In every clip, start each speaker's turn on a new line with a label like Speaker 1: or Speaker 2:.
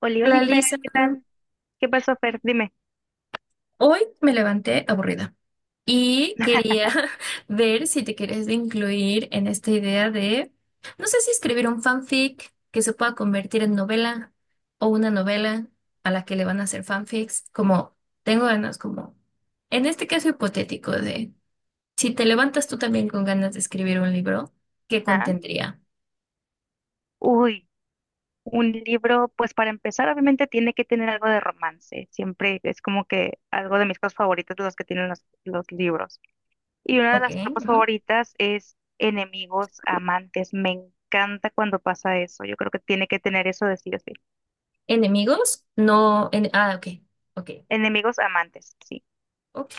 Speaker 1: Oli,
Speaker 2: Hola
Speaker 1: oli, Fer,
Speaker 2: Lisa,
Speaker 1: ¿qué tal? ¿Qué pasó, Fer? Dime.
Speaker 2: hoy me levanté aburrida y quería ver si te quieres incluir en esta idea de, no sé si escribir un fanfic que se pueda convertir en novela o una novela a la que le van a hacer fanfics, como tengo ganas, como en este caso hipotético de, si te levantas tú también con ganas de escribir un libro, ¿qué
Speaker 1: Ajá.
Speaker 2: contendría?
Speaker 1: Uy, un libro, pues para empezar, obviamente tiene que tener algo de romance. Siempre es como que algo de mis cosas favoritas de los que tienen los libros. Y una de
Speaker 2: Ok,
Speaker 1: las tropas
Speaker 2: ujú.
Speaker 1: favoritas es enemigos amantes. Me encanta cuando pasa eso. Yo creo que tiene que tener eso de sí o sí.
Speaker 2: ¿Enemigos? No, ok, ok,
Speaker 1: Enemigos amantes, sí.
Speaker 2: ok.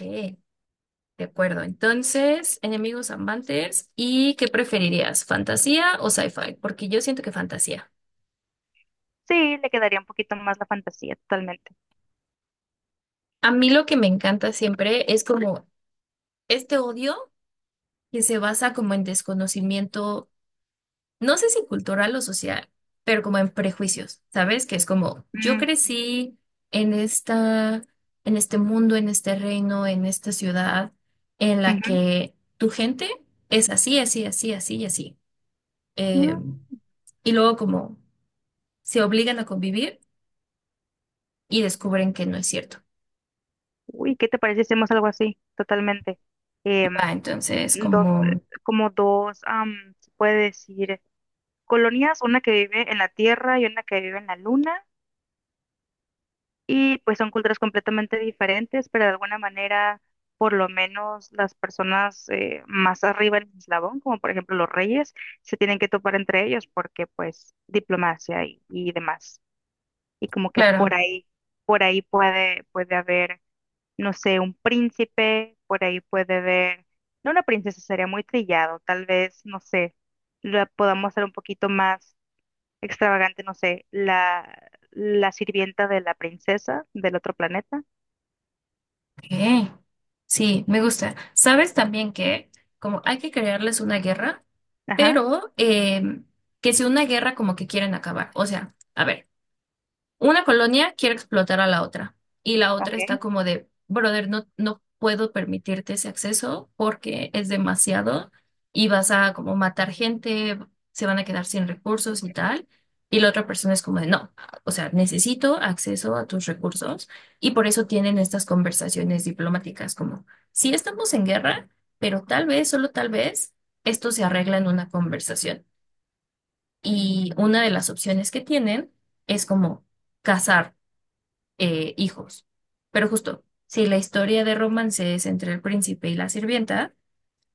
Speaker 2: De acuerdo, entonces, enemigos amantes, ¿y qué preferirías? ¿Fantasía o sci-fi? Porque yo siento que fantasía.
Speaker 1: Sí, le quedaría un poquito más la fantasía, totalmente.
Speaker 2: A mí lo que me encanta siempre es como este odio que se basa como en desconocimiento, no sé si cultural o social, pero como en prejuicios, ¿sabes? Que es como yo
Speaker 1: Mm,
Speaker 2: crecí en esta, en este mundo, en este reino, en esta ciudad en la que tu gente es así, así, así, así y así.
Speaker 1: ujú.
Speaker 2: Em, y luego como se obligan a convivir y descubren que no es cierto.
Speaker 1: Uy, ¿qué te parece si hacemos algo así? Totalmente.
Speaker 2: Va,
Speaker 1: Em,
Speaker 2: entonces,
Speaker 1: dos,
Speaker 2: como,
Speaker 1: como dos, se puede decir, colonias, una que vive en la Tierra y una que vive en la Luna, y pues son culturas completamente diferentes, pero de alguna manera, por lo menos las personas más arriba en el eslabón, como por ejemplo los reyes, se tienen que topar entre ellos porque pues diplomacia y demás. Y como que
Speaker 2: claro,
Speaker 1: por ahí puede haber no sé, un príncipe, por ahí puede ver, no una princesa, sería muy trillado, tal vez, no sé, la podamos hacer un poquito más extravagante, no sé, la sirvienta de la princesa del otro planeta,
Speaker 2: ok, sí, me gusta. Sabes también que, como hay que crearles una guerra,
Speaker 1: ajá,
Speaker 2: pero que sea una guerra como que quieren acabar. O sea, a ver. Una colonia quiere explotar a la otra y la otra
Speaker 1: ok.
Speaker 2: está como de, brother, no puedo permitirte ese acceso porque es demasiado y vas a como matar gente, se van a quedar sin recursos y tal. Y la otra persona es como de, no, o sea, necesito acceso a tus recursos y por eso tienen estas conversaciones diplomáticas como, sí estamos en guerra, pero tal vez, solo tal vez, esto se arregla en una conversación. Y una de las opciones que tienen es como cazar hijos. Pero justo, si la historia de romance es entre el príncipe y la sirvienta,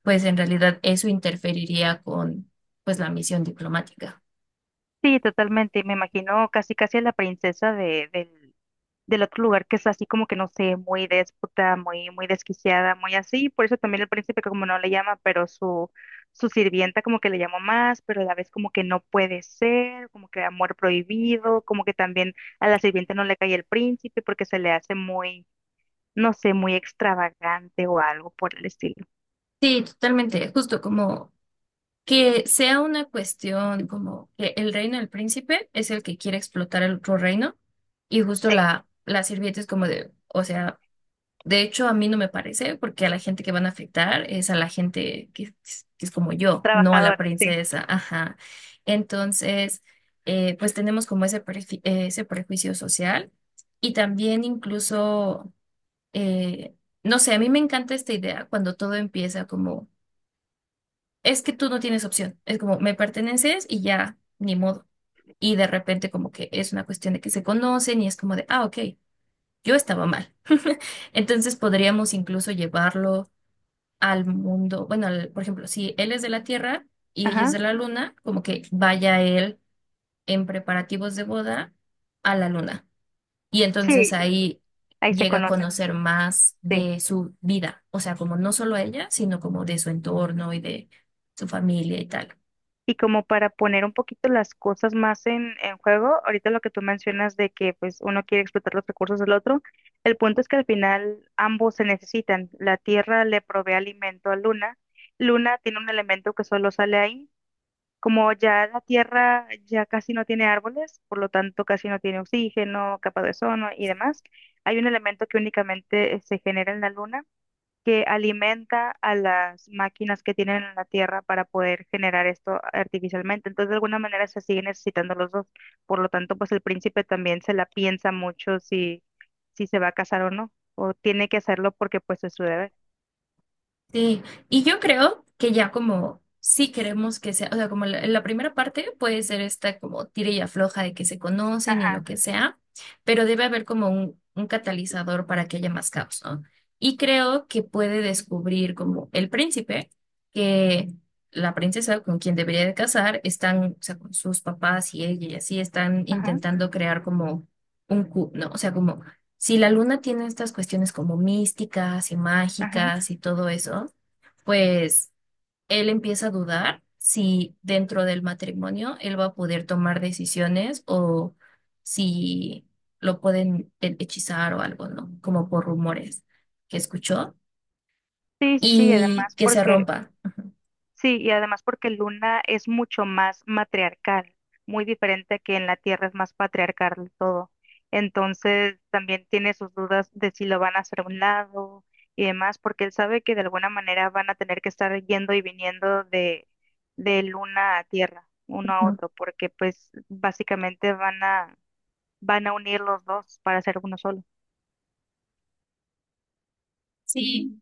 Speaker 2: pues en realidad eso interferiría con pues la misión diplomática.
Speaker 1: Sí, totalmente, me imagino casi casi a la princesa de, del otro lugar que es así como que no sé, muy déspota, muy, muy desquiciada, muy así, por eso también el príncipe como no le llama, pero su sirvienta como que le llamó más, pero a la vez como que no puede ser, como que amor prohibido, como que también a la sirvienta no le cae el príncipe porque se le hace muy, no sé, muy extravagante o algo por el estilo.
Speaker 2: Sí, totalmente, justo como que sea una cuestión como que el reino del príncipe es el que quiere explotar el otro reino y justo
Speaker 1: Sí,
Speaker 2: la sirvienta es como de, o sea, de hecho, a mí no me parece, porque a la gente que van a afectar es a la gente que es como yo, no a la
Speaker 1: trabajadora, sí.
Speaker 2: princesa. Ajá. Entonces, pues tenemos como ese, ese prejuicio social y también incluso, eh, no sé, a mí me encanta esta idea cuando todo empieza como, es que tú no tienes opción, es como, me perteneces y ya, ni modo. Y de repente como que es una cuestión de que se conocen y es como de, ah, ok, yo estaba mal. Entonces podríamos incluso llevarlo al mundo, bueno, al- por ejemplo, si él es de la Tierra y ella es
Speaker 1: Ajá,
Speaker 2: de la Luna, como que vaya él en preparativos de boda a la Luna. Y
Speaker 1: sí,
Speaker 2: entonces ahí
Speaker 1: ahí se
Speaker 2: llega a
Speaker 1: conocen,
Speaker 2: conocer más
Speaker 1: sí.
Speaker 2: de su vida, o sea, como no solo a ella, sino como de su entorno y de su familia y tal.
Speaker 1: Y como para poner un poquito las cosas más en juego, ahorita lo que tú mencionas de que pues uno quiere explotar los recursos del otro, el punto es que al final ambos se necesitan. La Tierra le provee alimento a Luna. Luna tiene un elemento que solo sale ahí. Como ya la Tierra ya casi no tiene árboles, por lo tanto casi no tiene oxígeno, capa de ozono y demás, hay un elemento que únicamente se genera en la Luna que alimenta a las máquinas que tienen en la Tierra para poder generar esto artificialmente. Entonces, de alguna manera se sigue necesitando los dos. Por lo tanto, pues el príncipe también se la piensa mucho si, si se va a casar o no, o tiene que hacerlo porque pues es su deber.
Speaker 2: Sí, y yo creo que ya como sí queremos que sea, o sea, como la primera parte puede ser esta como tira y afloja de que se conocen y
Speaker 1: Ajá,
Speaker 2: lo que sea, pero debe haber como un catalizador para que haya más caos, ¿no? Y creo que puede descubrir como el príncipe que la princesa con quien debería de casar están, o sea, con sus papás y ella y así están
Speaker 1: ajá,
Speaker 2: intentando crear como un cu, ¿no? O sea, como... Si la luna tiene estas cuestiones como místicas y
Speaker 1: ajá.
Speaker 2: mágicas y todo eso, pues él empieza a dudar si dentro del matrimonio él va a poder tomar decisiones o si lo pueden hechizar o algo, ¿no? Como por rumores que escuchó
Speaker 1: Sí, sí, sí, y
Speaker 2: y
Speaker 1: además
Speaker 2: que se
Speaker 1: porque
Speaker 2: rompa.
Speaker 1: sí, y además porque Luna es mucho más matriarcal, muy diferente que en la Tierra es más patriarcal todo. Entonces también tiene sus dudas de si lo van a hacer a un lado y demás, porque él sabe que de alguna manera van a tener que estar yendo y viniendo de Luna a Tierra, uno a
Speaker 2: Ujú.
Speaker 1: otro, porque pues básicamente van a, van a unir los dos para hacer uno solo.
Speaker 2: Sí,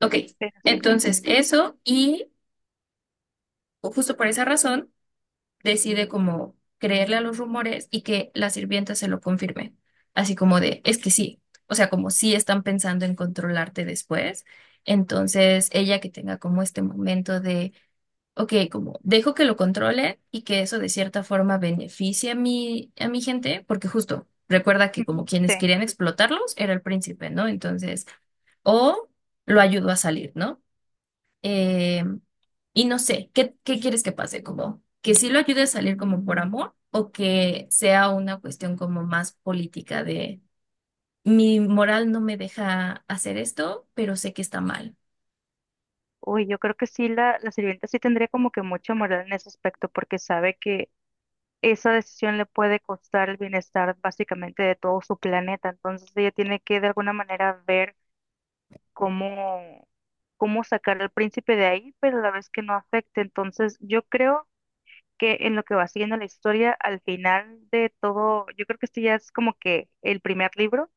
Speaker 2: ok.
Speaker 1: Pero sí. ujú,
Speaker 2: Entonces, eso y justo por esa razón, decide como creerle a los rumores y que la sirvienta se lo confirme, así como de, es que sí, o sea, como sí están pensando en controlarte después, entonces ella que tenga como este momento de, ok, como dejo que lo controle y que eso de cierta forma beneficie a mi gente, porque justo recuerda que
Speaker 1: ujú,
Speaker 2: como
Speaker 1: sí.
Speaker 2: quienes querían explotarlos era el príncipe, ¿no? Entonces, o lo ayudó a salir, ¿no? Eh, y no sé, ¿qué, qué quieres que pase? Como que sí lo ayude a salir como por amor o que sea una cuestión como más política de mi moral no me deja hacer esto, pero sé que está mal.
Speaker 1: Uy, yo creo que sí, la sirvienta sí tendría como que mucha moral en ese aspecto, porque sabe que esa decisión le puede costar el bienestar básicamente de todo su planeta. Entonces ella tiene que de alguna manera ver cómo, cómo sacar al príncipe de ahí, pero a la vez que no afecte. Entonces yo creo que en lo que va siguiendo la historia, al final de todo, yo creo que este ya es como que el primer libro,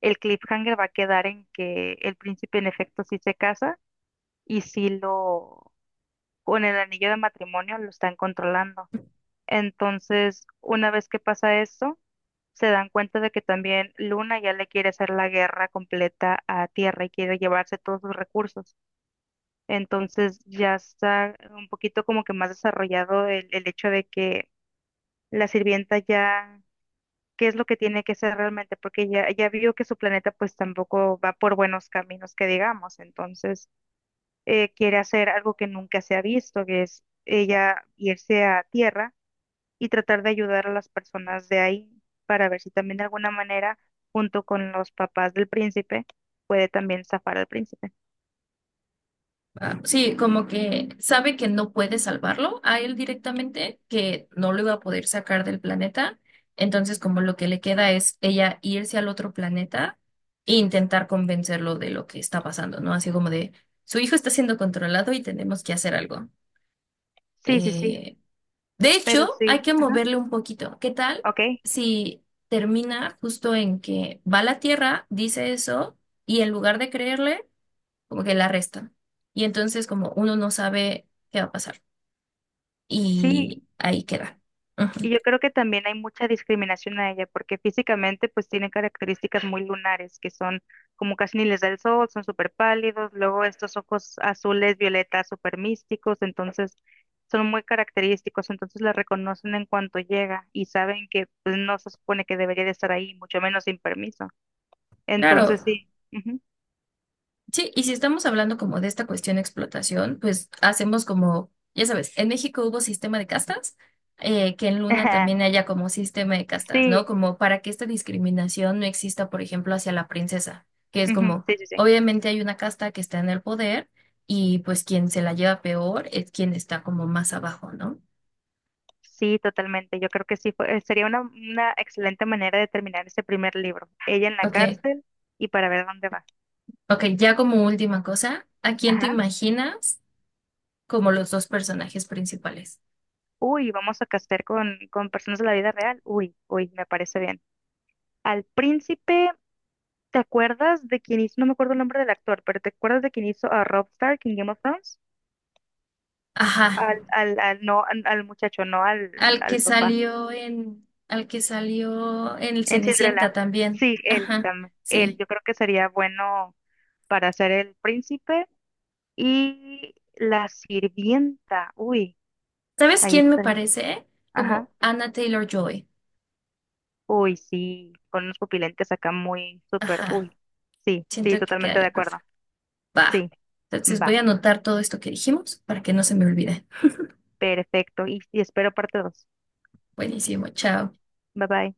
Speaker 1: el cliffhanger va a quedar en que el príncipe en efecto sí se casa y sí lo, con el anillo de matrimonio lo están controlando. Entonces, una vez que pasa eso, se dan cuenta de que también Luna ya le quiere hacer la guerra completa a Tierra y quiere llevarse todos sus recursos. Entonces ya está un poquito como que más desarrollado el hecho de que la sirvienta ya, ¿qué es lo que tiene que hacer realmente? Porque ya vio que su planeta pues tampoco va por buenos caminos que digamos. Entonces quiere hacer algo que nunca se ha visto, que es ella irse a Tierra y tratar de ayudar a las personas de ahí para ver si también de alguna manera, junto con los papás del príncipe, puede también zafar al príncipe.
Speaker 2: Ah, sí, como que sabe que no puede salvarlo a él directamente, que no lo iba a poder sacar del planeta. Entonces, como lo que le queda es ella irse al otro planeta e intentar convencerlo de lo que está pasando, ¿no? Así como de, su hijo está siendo controlado y tenemos que hacer algo.
Speaker 1: Sí, sí, sí,
Speaker 2: Eh, de
Speaker 1: pero
Speaker 2: hecho, hay
Speaker 1: sí,
Speaker 2: que
Speaker 1: ajá,
Speaker 2: moverle un poquito. ¿Qué tal
Speaker 1: ok,
Speaker 2: si termina justo en que va a la Tierra, dice eso, y en lugar de creerle como que la resta? Y entonces como uno no sabe qué va a pasar.
Speaker 1: sí.
Speaker 2: Y ahí queda.
Speaker 1: Y
Speaker 2: Ujú.
Speaker 1: yo creo que también hay mucha discriminación a ella, porque físicamente pues tiene características muy lunares, que son como casi ni les da el sol, son súper pálidos, luego estos ojos azules, violetas, súper místicos, entonces son muy característicos, entonces la reconocen en cuanto llega y saben que pues no se supone que debería de estar ahí, mucho menos sin permiso.
Speaker 2: Claro,
Speaker 1: Entonces sí. Ujú.
Speaker 2: sí, y si estamos hablando como de esta cuestión de explotación, pues hacemos como, ya sabes, en México hubo sistema de castas, que en Luna también haya como sistema de castas, ¿no?
Speaker 1: Sí,
Speaker 2: Como para que esta discriminación no exista, por ejemplo, hacia la princesa, que es
Speaker 1: ujú,
Speaker 2: como,
Speaker 1: sí, sí, sí.
Speaker 2: obviamente hay una casta que está en el poder y pues quien se la lleva peor es quien está como más abajo, ¿no?
Speaker 1: Sí, totalmente. Yo creo que sí sería una excelente manera de terminar ese primer libro. Ella en la
Speaker 2: Ok,
Speaker 1: cárcel y para ver dónde va.
Speaker 2: ok, ya como última cosa, ¿a quién te
Speaker 1: Ajá.
Speaker 2: imaginas como los dos personajes principales?
Speaker 1: Uy, vamos a castear con personas de la vida real. Uy, uy, me parece bien. Al príncipe, ¿te acuerdas de quién hizo? No me acuerdo el nombre del actor, pero ¿te acuerdas de quién hizo a Rob Stark en Game of Thrones?
Speaker 2: Ajá,
Speaker 1: No, al muchacho, no al,
Speaker 2: al que
Speaker 1: al papá.
Speaker 2: salió en, al que salió en el
Speaker 1: En Cinderella.
Speaker 2: Cenicienta también.
Speaker 1: Sí, él
Speaker 2: Ajá,
Speaker 1: también. Él,
Speaker 2: sí.
Speaker 1: yo creo que sería bueno para ser el príncipe. Y la sirvienta, uy,
Speaker 2: ¿Sabes
Speaker 1: ahí
Speaker 2: quién me
Speaker 1: estaré.
Speaker 2: parece?
Speaker 1: Ajá.
Speaker 2: Como Anna Taylor-Joy.
Speaker 1: Uy, sí, con unos pupilentes acá muy súper,
Speaker 2: Ajá,
Speaker 1: uy. Sí,
Speaker 2: siento
Speaker 1: sí,
Speaker 2: que
Speaker 1: totalmente de
Speaker 2: quedaría
Speaker 1: acuerdo.
Speaker 2: perfecto. Va.
Speaker 1: Sí,
Speaker 2: Entonces voy a
Speaker 1: va,
Speaker 2: anotar todo esto que dijimos para que no se me olvide.
Speaker 1: perfecto. Y espero parte dos.
Speaker 2: Buenísimo, chao.
Speaker 1: Bye bye.